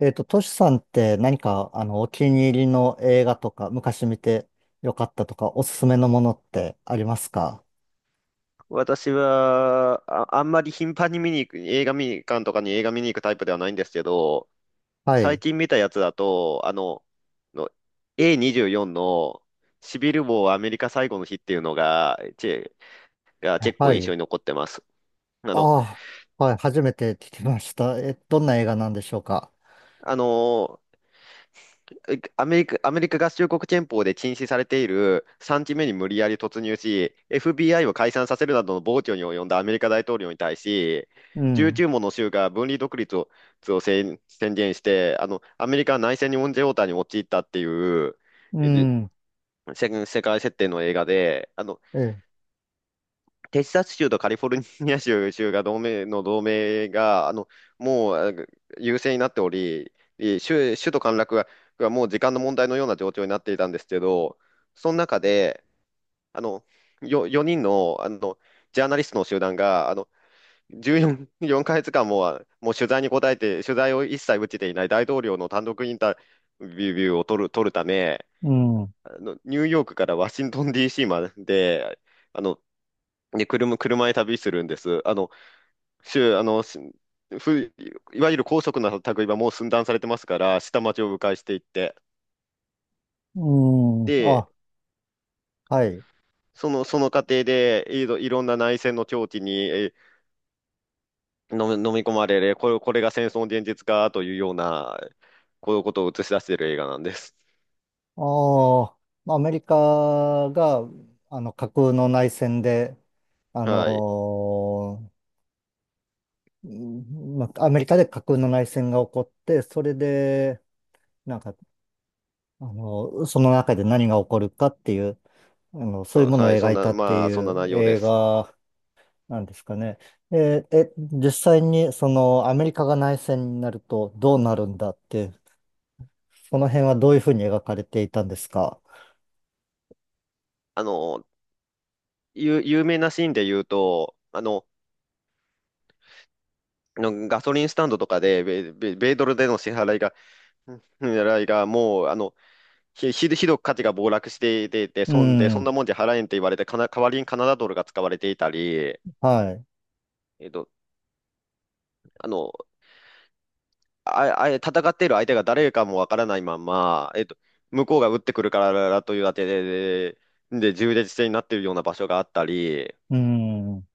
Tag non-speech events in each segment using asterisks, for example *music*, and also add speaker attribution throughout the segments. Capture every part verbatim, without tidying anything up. Speaker 1: えっと、トシさんって何か、あの、お気に入りの映画とか、昔見てよかったとか、おすすめのものってありますか？
Speaker 2: 私は、あ、あんまり頻繁に見に行く、映画見に、館とかに映画見に行くタイプではないんですけど、
Speaker 1: は
Speaker 2: 最
Speaker 1: い。
Speaker 2: 近見たやつだと、あの、の エーにじゅうよん のシビルウォーアメリカ最後の日っていうのが、ち、が結構
Speaker 1: は
Speaker 2: 印象
Speaker 1: い。
Speaker 2: に残ってます。あの、
Speaker 1: ああ、はい。初めて聞きました。え、どんな映画なんでしょうか？
Speaker 2: あの、えアメリカ、アメリカ合衆国憲法で禁止されているさんきめに無理やり突入し、エフビーアイ を解散させるなどの暴挙に及んだアメリカ大統領に対し、
Speaker 1: うん。
Speaker 2: じゅうきゅうもの州が分離独立を、を宣宣言して、あの、アメリカは内戦にオンジェオーターに陥ったっていう、
Speaker 1: う
Speaker 2: で、
Speaker 1: ん。
Speaker 2: 世世界設定の映画で、あの、
Speaker 1: え、
Speaker 2: テキサス州とカリフォルニア州、州が同盟の同盟が、あの、もうあ優勢になっており、え州、州都陥落が、がもう時間の問題のような状況になっていたんですけど、その中で、あの、よ、よにんの、あの、ジャーナリストの集団が、あの、じゅうよん、よんかげつかんも、あもう取材に答えて、取材を一切打ちていない大統領の単独インタビューを取る、取るため、
Speaker 1: うん。
Speaker 2: あの、ニューヨークからワシントン ディーシー まで、あの、で、車、車で旅するんです。あの、州、あの、しふ、いわゆる高速な類はもう寸断されてますから、下町を迂回していって、
Speaker 1: うん。
Speaker 2: で、
Speaker 1: あ、はい。
Speaker 2: その、その過程で、いろ、いろんな内戦の境地にえー飲み、飲み込まれる、これ、これが戦争の現実かというような、こういうことを映し出している映画なんです。
Speaker 1: ああ、まあアメリカが、あの、架空の内戦で、あ
Speaker 2: はい。
Speaker 1: のーうん、まあアメリカで架空の内戦が起こって、それで、なんか、あの、その中で何が起こるかっていう、あの、そうい
Speaker 2: そ
Speaker 1: う
Speaker 2: う、
Speaker 1: ものを
Speaker 2: はい、そ
Speaker 1: 描
Speaker 2: ん
Speaker 1: い
Speaker 2: な、
Speaker 1: たって
Speaker 2: まあ、そ
Speaker 1: い
Speaker 2: んな
Speaker 1: う
Speaker 2: 内容で
Speaker 1: 映
Speaker 2: す。
Speaker 1: 画なんですかね。えー、え、実際にそのアメリカが内戦になるとどうなるんだって、その辺はどういうふうに描かれていたんですか？
Speaker 2: あの、有、有名なシーンで言うと、あの、のガソリンスタンドとかで、米米米ドルでの支払いがうんいや、いやもう、あの、ひ、ひどひどく価値が暴落していて、で、
Speaker 1: う
Speaker 2: そんで、そん
Speaker 1: ん、
Speaker 2: なもんじゃ払えんって言われて、かな、代わりにカナダドルが使われていたり、
Speaker 1: はい、
Speaker 2: えっと、あの、あ、あ、戦っている相手が誰かもわからないまま、えっと、向こうが撃ってくるからというあてで、で、で、銃で戦になっているような場所があったり、
Speaker 1: うん、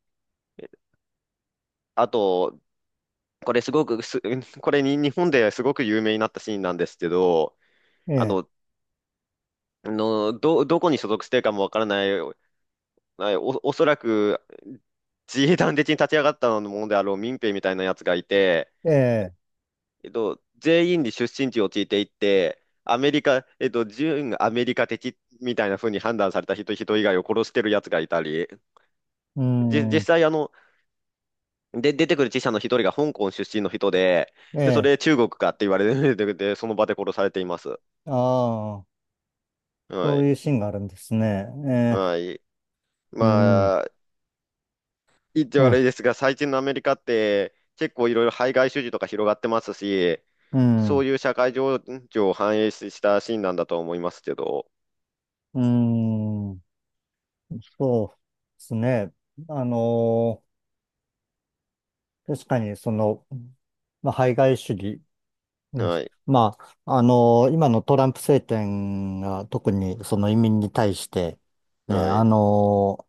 Speaker 2: あと、これすごくす、これに日本ですごく有名になったシーンなんですけど、
Speaker 1: え
Speaker 2: あ
Speaker 1: え、
Speaker 2: の、あのど、どこに所属しているかもわからない、お、おそらく自衛団的に立ち上がったものであろう民兵みたいなやつがいて、
Speaker 1: ええ、
Speaker 2: えっと、全員に出身地を聞いていって、アメリカ、えっと、準アメリカ的みたいな風に判断された人、人以外を殺してるやつがいたり、
Speaker 1: う
Speaker 2: じ、実
Speaker 1: ん、
Speaker 2: 際あの、で、出てくるきしゃのひとりがホンコンしゅっしんの人で、
Speaker 1: え
Speaker 2: で、そ
Speaker 1: え、
Speaker 2: れ中国かって言われて、*laughs* で、その場で殺されています。
Speaker 1: ああ、
Speaker 2: は
Speaker 1: そう
Speaker 2: い。
Speaker 1: いうシーンがあるんですね。ええ、
Speaker 2: はい。
Speaker 1: うん、
Speaker 2: まあ、言って
Speaker 1: え
Speaker 2: 悪
Speaker 1: え、
Speaker 2: いですが、最近のアメリカって結構いろいろ排外主義とか広がってますし、
Speaker 1: う
Speaker 2: そう
Speaker 1: ん、
Speaker 2: いう社会情緒を反映したシーンなんだと思いますけど、
Speaker 1: うん。そうですね。あのー確かにその、まあ、排外主義に、
Speaker 2: はい、
Speaker 1: まあ、あのー今のトランプ政権が特にその移民に対して、ね、
Speaker 2: は
Speaker 1: あ
Speaker 2: い、
Speaker 1: の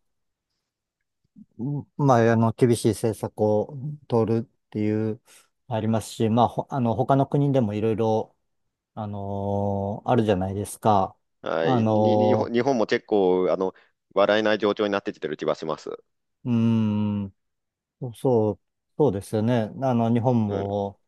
Speaker 1: ーまあ、あの、厳しい政策を取るっていう、ありますし、まあ、ほあの、他の国でもいろいろ、あのーあるじゃないですか。
Speaker 2: は
Speaker 1: あ
Speaker 2: い、にに日本
Speaker 1: のー
Speaker 2: 日本も結構、あの、笑えない状況になってきてる気がします。
Speaker 1: うーん、そう、そうですよね。あの、日本
Speaker 2: うん。
Speaker 1: も、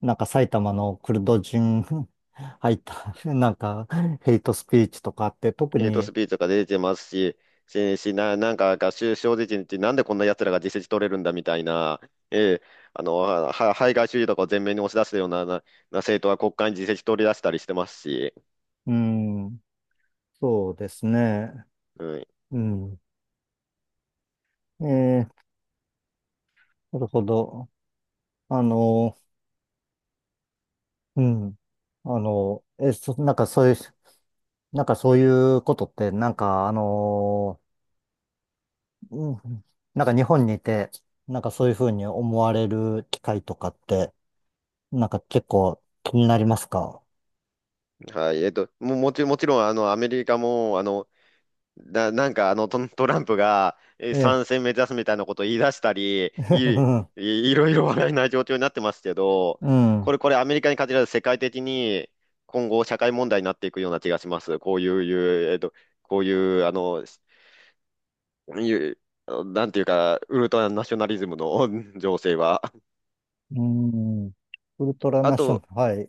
Speaker 1: なんか埼玉のクルド人 *laughs* 入った、*laughs* なんかヘイトスピーチとかあって、特
Speaker 2: ヘイト
Speaker 1: に、
Speaker 2: スピーチとか出てますし、し、しな、なんか、が正直に、なんでこんな奴らが自席取れるんだみたいな、ええ、あの、は、は排外主義とかを前面に押し出すような、な、な政党は国会に自席取り出したりしてますし、
Speaker 1: うん、そうですね。
Speaker 2: うん。
Speaker 1: うん。えー、なるほど。あの、うん。あの、え、そ、なんかそういう、なんかそういうことって、なんかあの、うん、なんか日本にいて、なんかそういうふうに思われる機会とかって、なんか結構気になりますか？
Speaker 2: はい。えっと、も、もち、もちろん、あの、アメリカも、あの、だ、なんかあのト、トランプがえー
Speaker 1: ええ。
Speaker 2: 参戦目指すみたいなことを言い出したり、い、
Speaker 1: *laughs*
Speaker 2: い、いろいろ話題な状況になってますけど、
Speaker 1: うん。
Speaker 2: これ、これアメリカに限らず世界的に今後社会問題になっていくような気がします。こういう、いうえっと、こういう、あの、いう、あのなんていうか、ウルトラナショナリズムの *laughs* 情勢は。
Speaker 1: うーん。ウルトラ
Speaker 2: あ
Speaker 1: ナショナ
Speaker 2: と、
Speaker 1: ル、はい、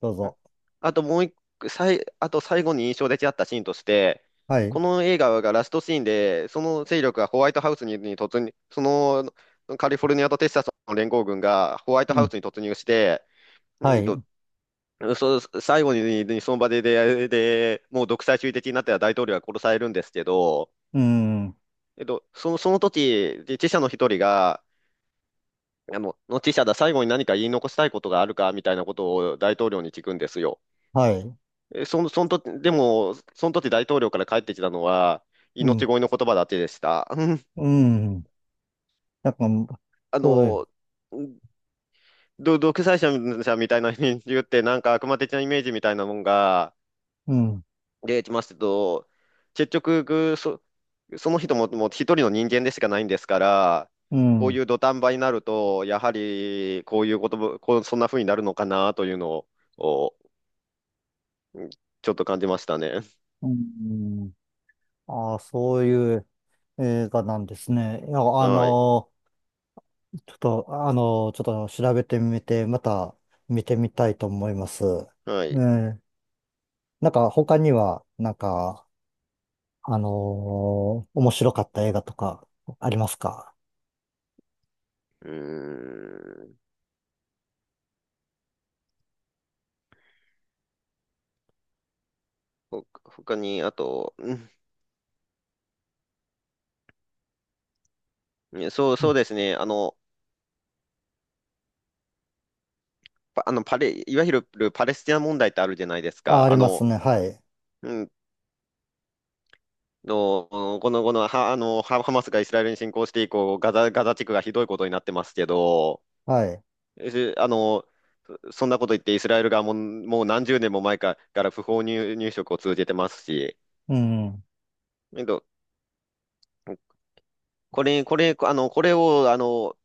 Speaker 1: どう
Speaker 2: うん
Speaker 1: ぞ。
Speaker 2: あともう一個、さい、あと最後に印象的だったシーンとして、
Speaker 1: はい、
Speaker 2: この映画がラストシーンで、その勢力がホワイトハウスに、に突入、そのカリフォルニアとテキサスの連合軍がホワイト
Speaker 1: う
Speaker 2: ハウ
Speaker 1: ん、
Speaker 2: スに突入して、
Speaker 1: は
Speaker 2: うんと、
Speaker 1: い、
Speaker 2: そ、最後に、にその場で、で、で、もう独裁主義的になった大統領が殺されるんですけど、
Speaker 1: うん、
Speaker 2: えっと、その、その時、で記者の一人が、あの、の記者だ、最後に何か言い残したいことがあるかみたいなことを大統領に聞くんですよ。
Speaker 1: はい、
Speaker 2: えその、その時、でも、その時大統領から帰ってきたのは、
Speaker 1: うん、
Speaker 2: 命乞いの言葉だけでした。うん
Speaker 1: うん。なんか、
Speaker 2: あ
Speaker 1: そういう、
Speaker 2: の、うど独裁者みたいな人間って、なんか悪魔的なイメージみたいなもんが
Speaker 1: うん、
Speaker 2: 出てきますけど、結局、ぐそ、その人も、もうひとりのにんげんでしかないんですから、
Speaker 1: う
Speaker 2: こうい
Speaker 1: ん、
Speaker 2: う土壇場になると、やはりこういうことも、こう、そんな風になるのかなというのを、おちょっと感じましたね。
Speaker 1: うん。ああ、そういう映画なんですね。いや、あ
Speaker 2: はい。
Speaker 1: のー、ちょっと、あのー、ちょっと調べてみて、また見てみたいと思います。
Speaker 2: は
Speaker 1: え
Speaker 2: い。
Speaker 1: ーなんか、他には、なんか、あのー面白かった映画とかありますか？
Speaker 2: うーん。ほ、他に、あと、うん、そう、
Speaker 1: う
Speaker 2: そ
Speaker 1: ん、
Speaker 2: うですね。あの、パあの、パレ、いわゆるパレスチナ問題ってあるじゃないです
Speaker 1: あ、あ
Speaker 2: か。
Speaker 1: り
Speaker 2: あ
Speaker 1: ます
Speaker 2: の、
Speaker 1: ね。はい。
Speaker 2: うん、の、この、この、は、あの、ハハマスがイスラエルに侵攻して以降、ガザ、ガザ地区がひどいことになってますけど、
Speaker 1: はい。
Speaker 2: えあの、そんなこと言ってイスラエル側も、もう何十年も前かから不法入、入植を続けてますし、
Speaker 1: うん。
Speaker 2: えっと、これ、これ、あの、これを、あの、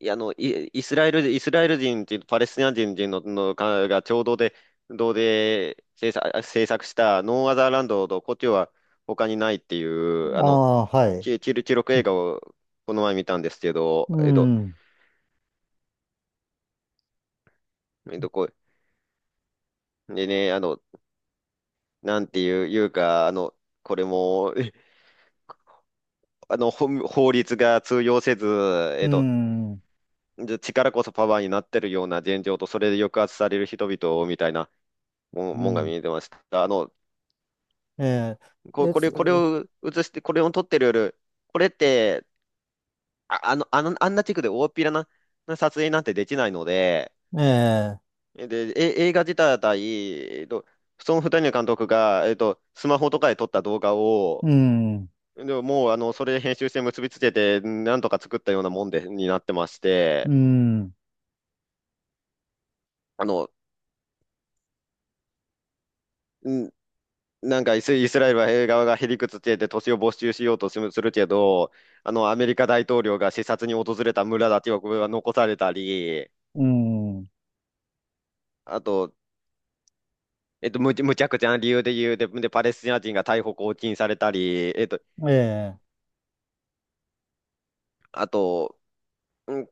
Speaker 2: いや、あの、イ、イスラエル、イスラエル人っていうパレスチナ人人の、のかが共同で、同で制作、制作したノーアザーランドと故郷は他にないっていう、あ
Speaker 1: あ
Speaker 2: の、
Speaker 1: あ、はい。
Speaker 2: 記記記録映画をこの前見たんですけど、
Speaker 1: う
Speaker 2: えっと、
Speaker 1: ん。
Speaker 2: えっと、こう、でね、あの、なんていう、いうか、あの、これも、*laughs* えあの、ほん法律が通用せず、
Speaker 1: う
Speaker 2: えっと、
Speaker 1: ん。
Speaker 2: じ力こそパワーになってるような現状と、それで抑圧される人々みたいなもん
Speaker 1: う
Speaker 2: もんが見
Speaker 1: ん。
Speaker 2: えてました。あの、
Speaker 1: えー、
Speaker 2: こ、
Speaker 1: え
Speaker 2: これ、これ
Speaker 1: つ、
Speaker 2: を映して、これを撮ってるより、これって、あ、あの、あの、あんな地区で大っぴらな、な撮影なんてできないので、
Speaker 1: えー、
Speaker 2: で、え、映画自体、えっと、そのふたりのかんとくが、えっと、スマホとかで撮った動画を、
Speaker 1: うん。
Speaker 2: でも、もう、あの、それで編集して結びつけて、なんとか作ったようなもんで、になってまして、
Speaker 1: うん。
Speaker 2: あの、んなんかイス、イスラエルはえー側がへりくつけて土地を没収しようとするするけど、あの、アメリカ大統領が視察に訪れた村だけはこれは残されたり、
Speaker 1: うん。
Speaker 2: あと、えっと、むち、むちゃくちゃな理由で言うで、で、パレスチナ人が逮捕・拘禁されたり、えっと、
Speaker 1: え
Speaker 2: あと、う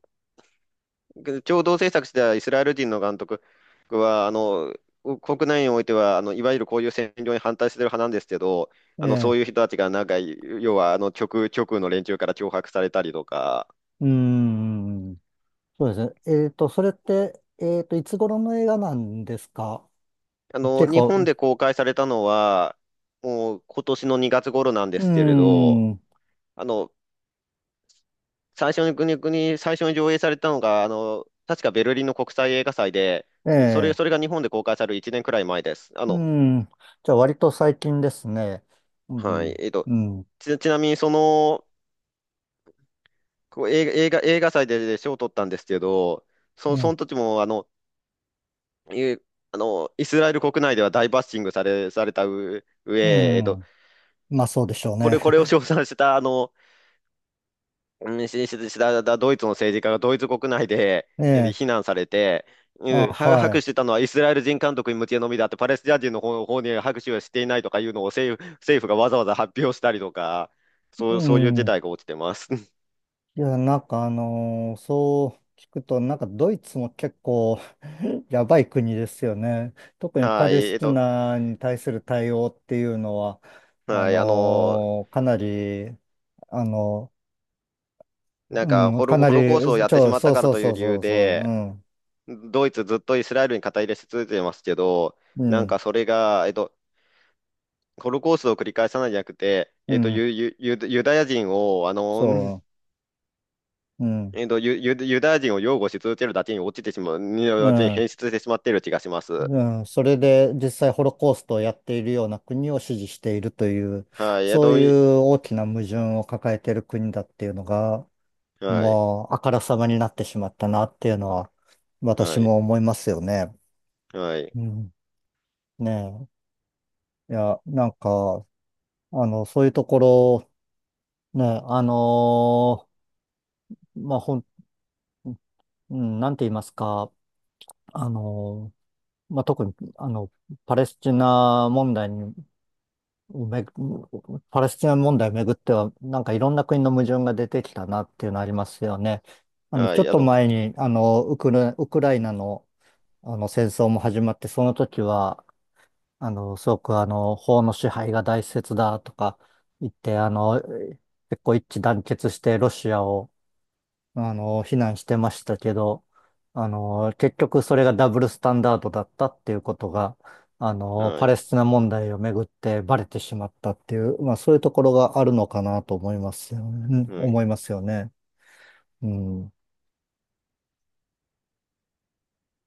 Speaker 2: ん、共同制作したイスラエル人の監督は、あの、国内においては、あの、いわゆるこういう占領に反対してる派なんですけど、
Speaker 1: ー、
Speaker 2: あの、そういう
Speaker 1: え
Speaker 2: 人たちが、なんか、要は、あの、極、極右の連中から脅迫されたりとか、
Speaker 1: ー、うん。そうですね。えっと、それって、えっと、いつ頃の映画なんですか？
Speaker 2: あの、
Speaker 1: 結
Speaker 2: 日本
Speaker 1: 構、
Speaker 2: で公開されたのは、もう今年のにがつ頃なんで
Speaker 1: う
Speaker 2: すけれど、
Speaker 1: ん。
Speaker 2: あの、最初に国に最初に上映されたのが、あの、確かベルリンの国際映画祭で、
Speaker 1: え
Speaker 2: それ、
Speaker 1: え、
Speaker 2: それが日本で公開されるいちねんくらい前です。あ
Speaker 1: う
Speaker 2: の、
Speaker 1: ん。じゃあ、割と最近ですね。う
Speaker 2: はい、
Speaker 1: ん。
Speaker 2: えっと、
Speaker 1: うん。
Speaker 2: ち、ちなみにその、こう映画、映画、映画祭で賞を取ったんですけど、そ、そ
Speaker 1: ね、
Speaker 2: の時も、あの、いうあの、イスラエル国内では大バッシングされ、されたう
Speaker 1: う
Speaker 2: 上、えっと、
Speaker 1: ん。まあ、そうでしょう
Speaker 2: これ、
Speaker 1: ね。
Speaker 2: これを称賛した、あの、うんしししだだドイツの政治家がドイツ国内で、
Speaker 1: *laughs* え
Speaker 2: *laughs* で
Speaker 1: え、
Speaker 2: 非難されて、
Speaker 1: あ、
Speaker 2: うんは
Speaker 1: は
Speaker 2: 拍手し
Speaker 1: い。
Speaker 2: てたのはイスラエル人監督に向けのみだって、パレスチナ人の方、方に拍手はしていないとかいうのを政府、政府がわざわざ発表したりとか、
Speaker 1: う
Speaker 2: そうそういう事
Speaker 1: ん。い
Speaker 2: 態が起きてます。*laughs*
Speaker 1: や、なんかあのーそう聞くと、なんかドイツも結構 *laughs* やばい国ですよね。特にパ
Speaker 2: はい、
Speaker 1: レス
Speaker 2: えっ
Speaker 1: チ
Speaker 2: と、
Speaker 1: ナに対する対応っていうのは、あ
Speaker 2: はい、あの、
Speaker 1: のーかなり、あの、
Speaker 2: なん
Speaker 1: う
Speaker 2: か
Speaker 1: ん、
Speaker 2: ホ
Speaker 1: か
Speaker 2: ロ、
Speaker 1: な
Speaker 2: ホ
Speaker 1: り、
Speaker 2: ロコーストをやっ
Speaker 1: ち
Speaker 2: てし
Speaker 1: ょ、
Speaker 2: まっ
Speaker 1: そ
Speaker 2: た
Speaker 1: う
Speaker 2: から
Speaker 1: そう
Speaker 2: とい
Speaker 1: そ
Speaker 2: う
Speaker 1: う
Speaker 2: 理
Speaker 1: そ
Speaker 2: 由
Speaker 1: うそう、う
Speaker 2: で、
Speaker 1: ん、
Speaker 2: ドイツずっとイスラエルに肩入れし続けてますけど、
Speaker 1: う
Speaker 2: なん
Speaker 1: ん、
Speaker 2: かそれが、えっと、ホロコーストを繰り返さないんじゃなくて、
Speaker 1: う
Speaker 2: えっと、
Speaker 1: ん、
Speaker 2: ユ、ユ、ユユダヤ人を、あの、*laughs*
Speaker 1: そう、うん、
Speaker 2: えっと、ユ、ユユダヤ人を擁護し続けるだけに落ちてしまう、ユダ
Speaker 1: う
Speaker 2: ヤ人に
Speaker 1: ん。
Speaker 2: 変質してしまっている気がします。
Speaker 1: うん、それで実際ホロコーストをやっているような国を支持しているという、
Speaker 2: はい、えっ
Speaker 1: そう
Speaker 2: と、
Speaker 1: い
Speaker 2: い
Speaker 1: う大きな矛盾を抱えている国だっていうのが、
Speaker 2: はい、
Speaker 1: もうあからさまになってしまったなっていうのは、私
Speaker 2: はい、
Speaker 1: も思いますよね。
Speaker 2: はい、
Speaker 1: うん。ねえ。いや、なんか、あの、そういうところ、ね、あのーまあ、ほん、うん、なんて言いますか、あのーまあ、特に、あの、パレスチナ問題にめ、パレスチナ問題をめぐっては、なんかいろんな国の矛盾が出てきたなっていうのありますよね。あの、
Speaker 2: は
Speaker 1: ちょっ
Speaker 2: い、あ
Speaker 1: と
Speaker 2: の、
Speaker 1: 前に、あの、ウクラ、ウクライナの、あの戦争も始まって、その時は、あの、すごくあの、法の支配が大切だとか言って、あの、結構一致団結してロシアをあの、非難してましたけど、あの、結局それがダブルスタンダードだったっていうことが、あの、
Speaker 2: は
Speaker 1: パレ
Speaker 2: い、
Speaker 1: スチナ問題をめぐってバレてしまったっていう、まあそういうところがあるのかなと思いますよね。うん
Speaker 2: うん、
Speaker 1: 思いますよね。うん。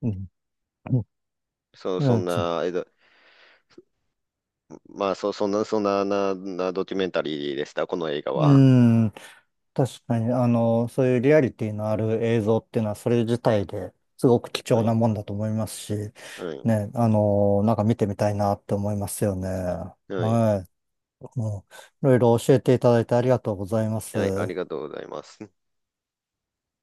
Speaker 1: うん。
Speaker 2: そ、
Speaker 1: う
Speaker 2: そ
Speaker 1: ん。
Speaker 2: ん
Speaker 1: そう
Speaker 2: な、えっと、まあ、そ、そんな、そんな、な、なドキュメンタリーでした、この映画
Speaker 1: う
Speaker 2: は。
Speaker 1: ん確かに、あの、そういうリアリティのある映像っていうのは、それ自体ですごく貴重
Speaker 2: は
Speaker 1: な
Speaker 2: い、
Speaker 1: もんだと思いますし、
Speaker 2: はい、
Speaker 1: ね、あの、なんか見てみたいなって思いますよね。
Speaker 2: はい、
Speaker 1: はい。ういろいろ教えていただいてありがとうございます。
Speaker 2: はい、ありがとうございます。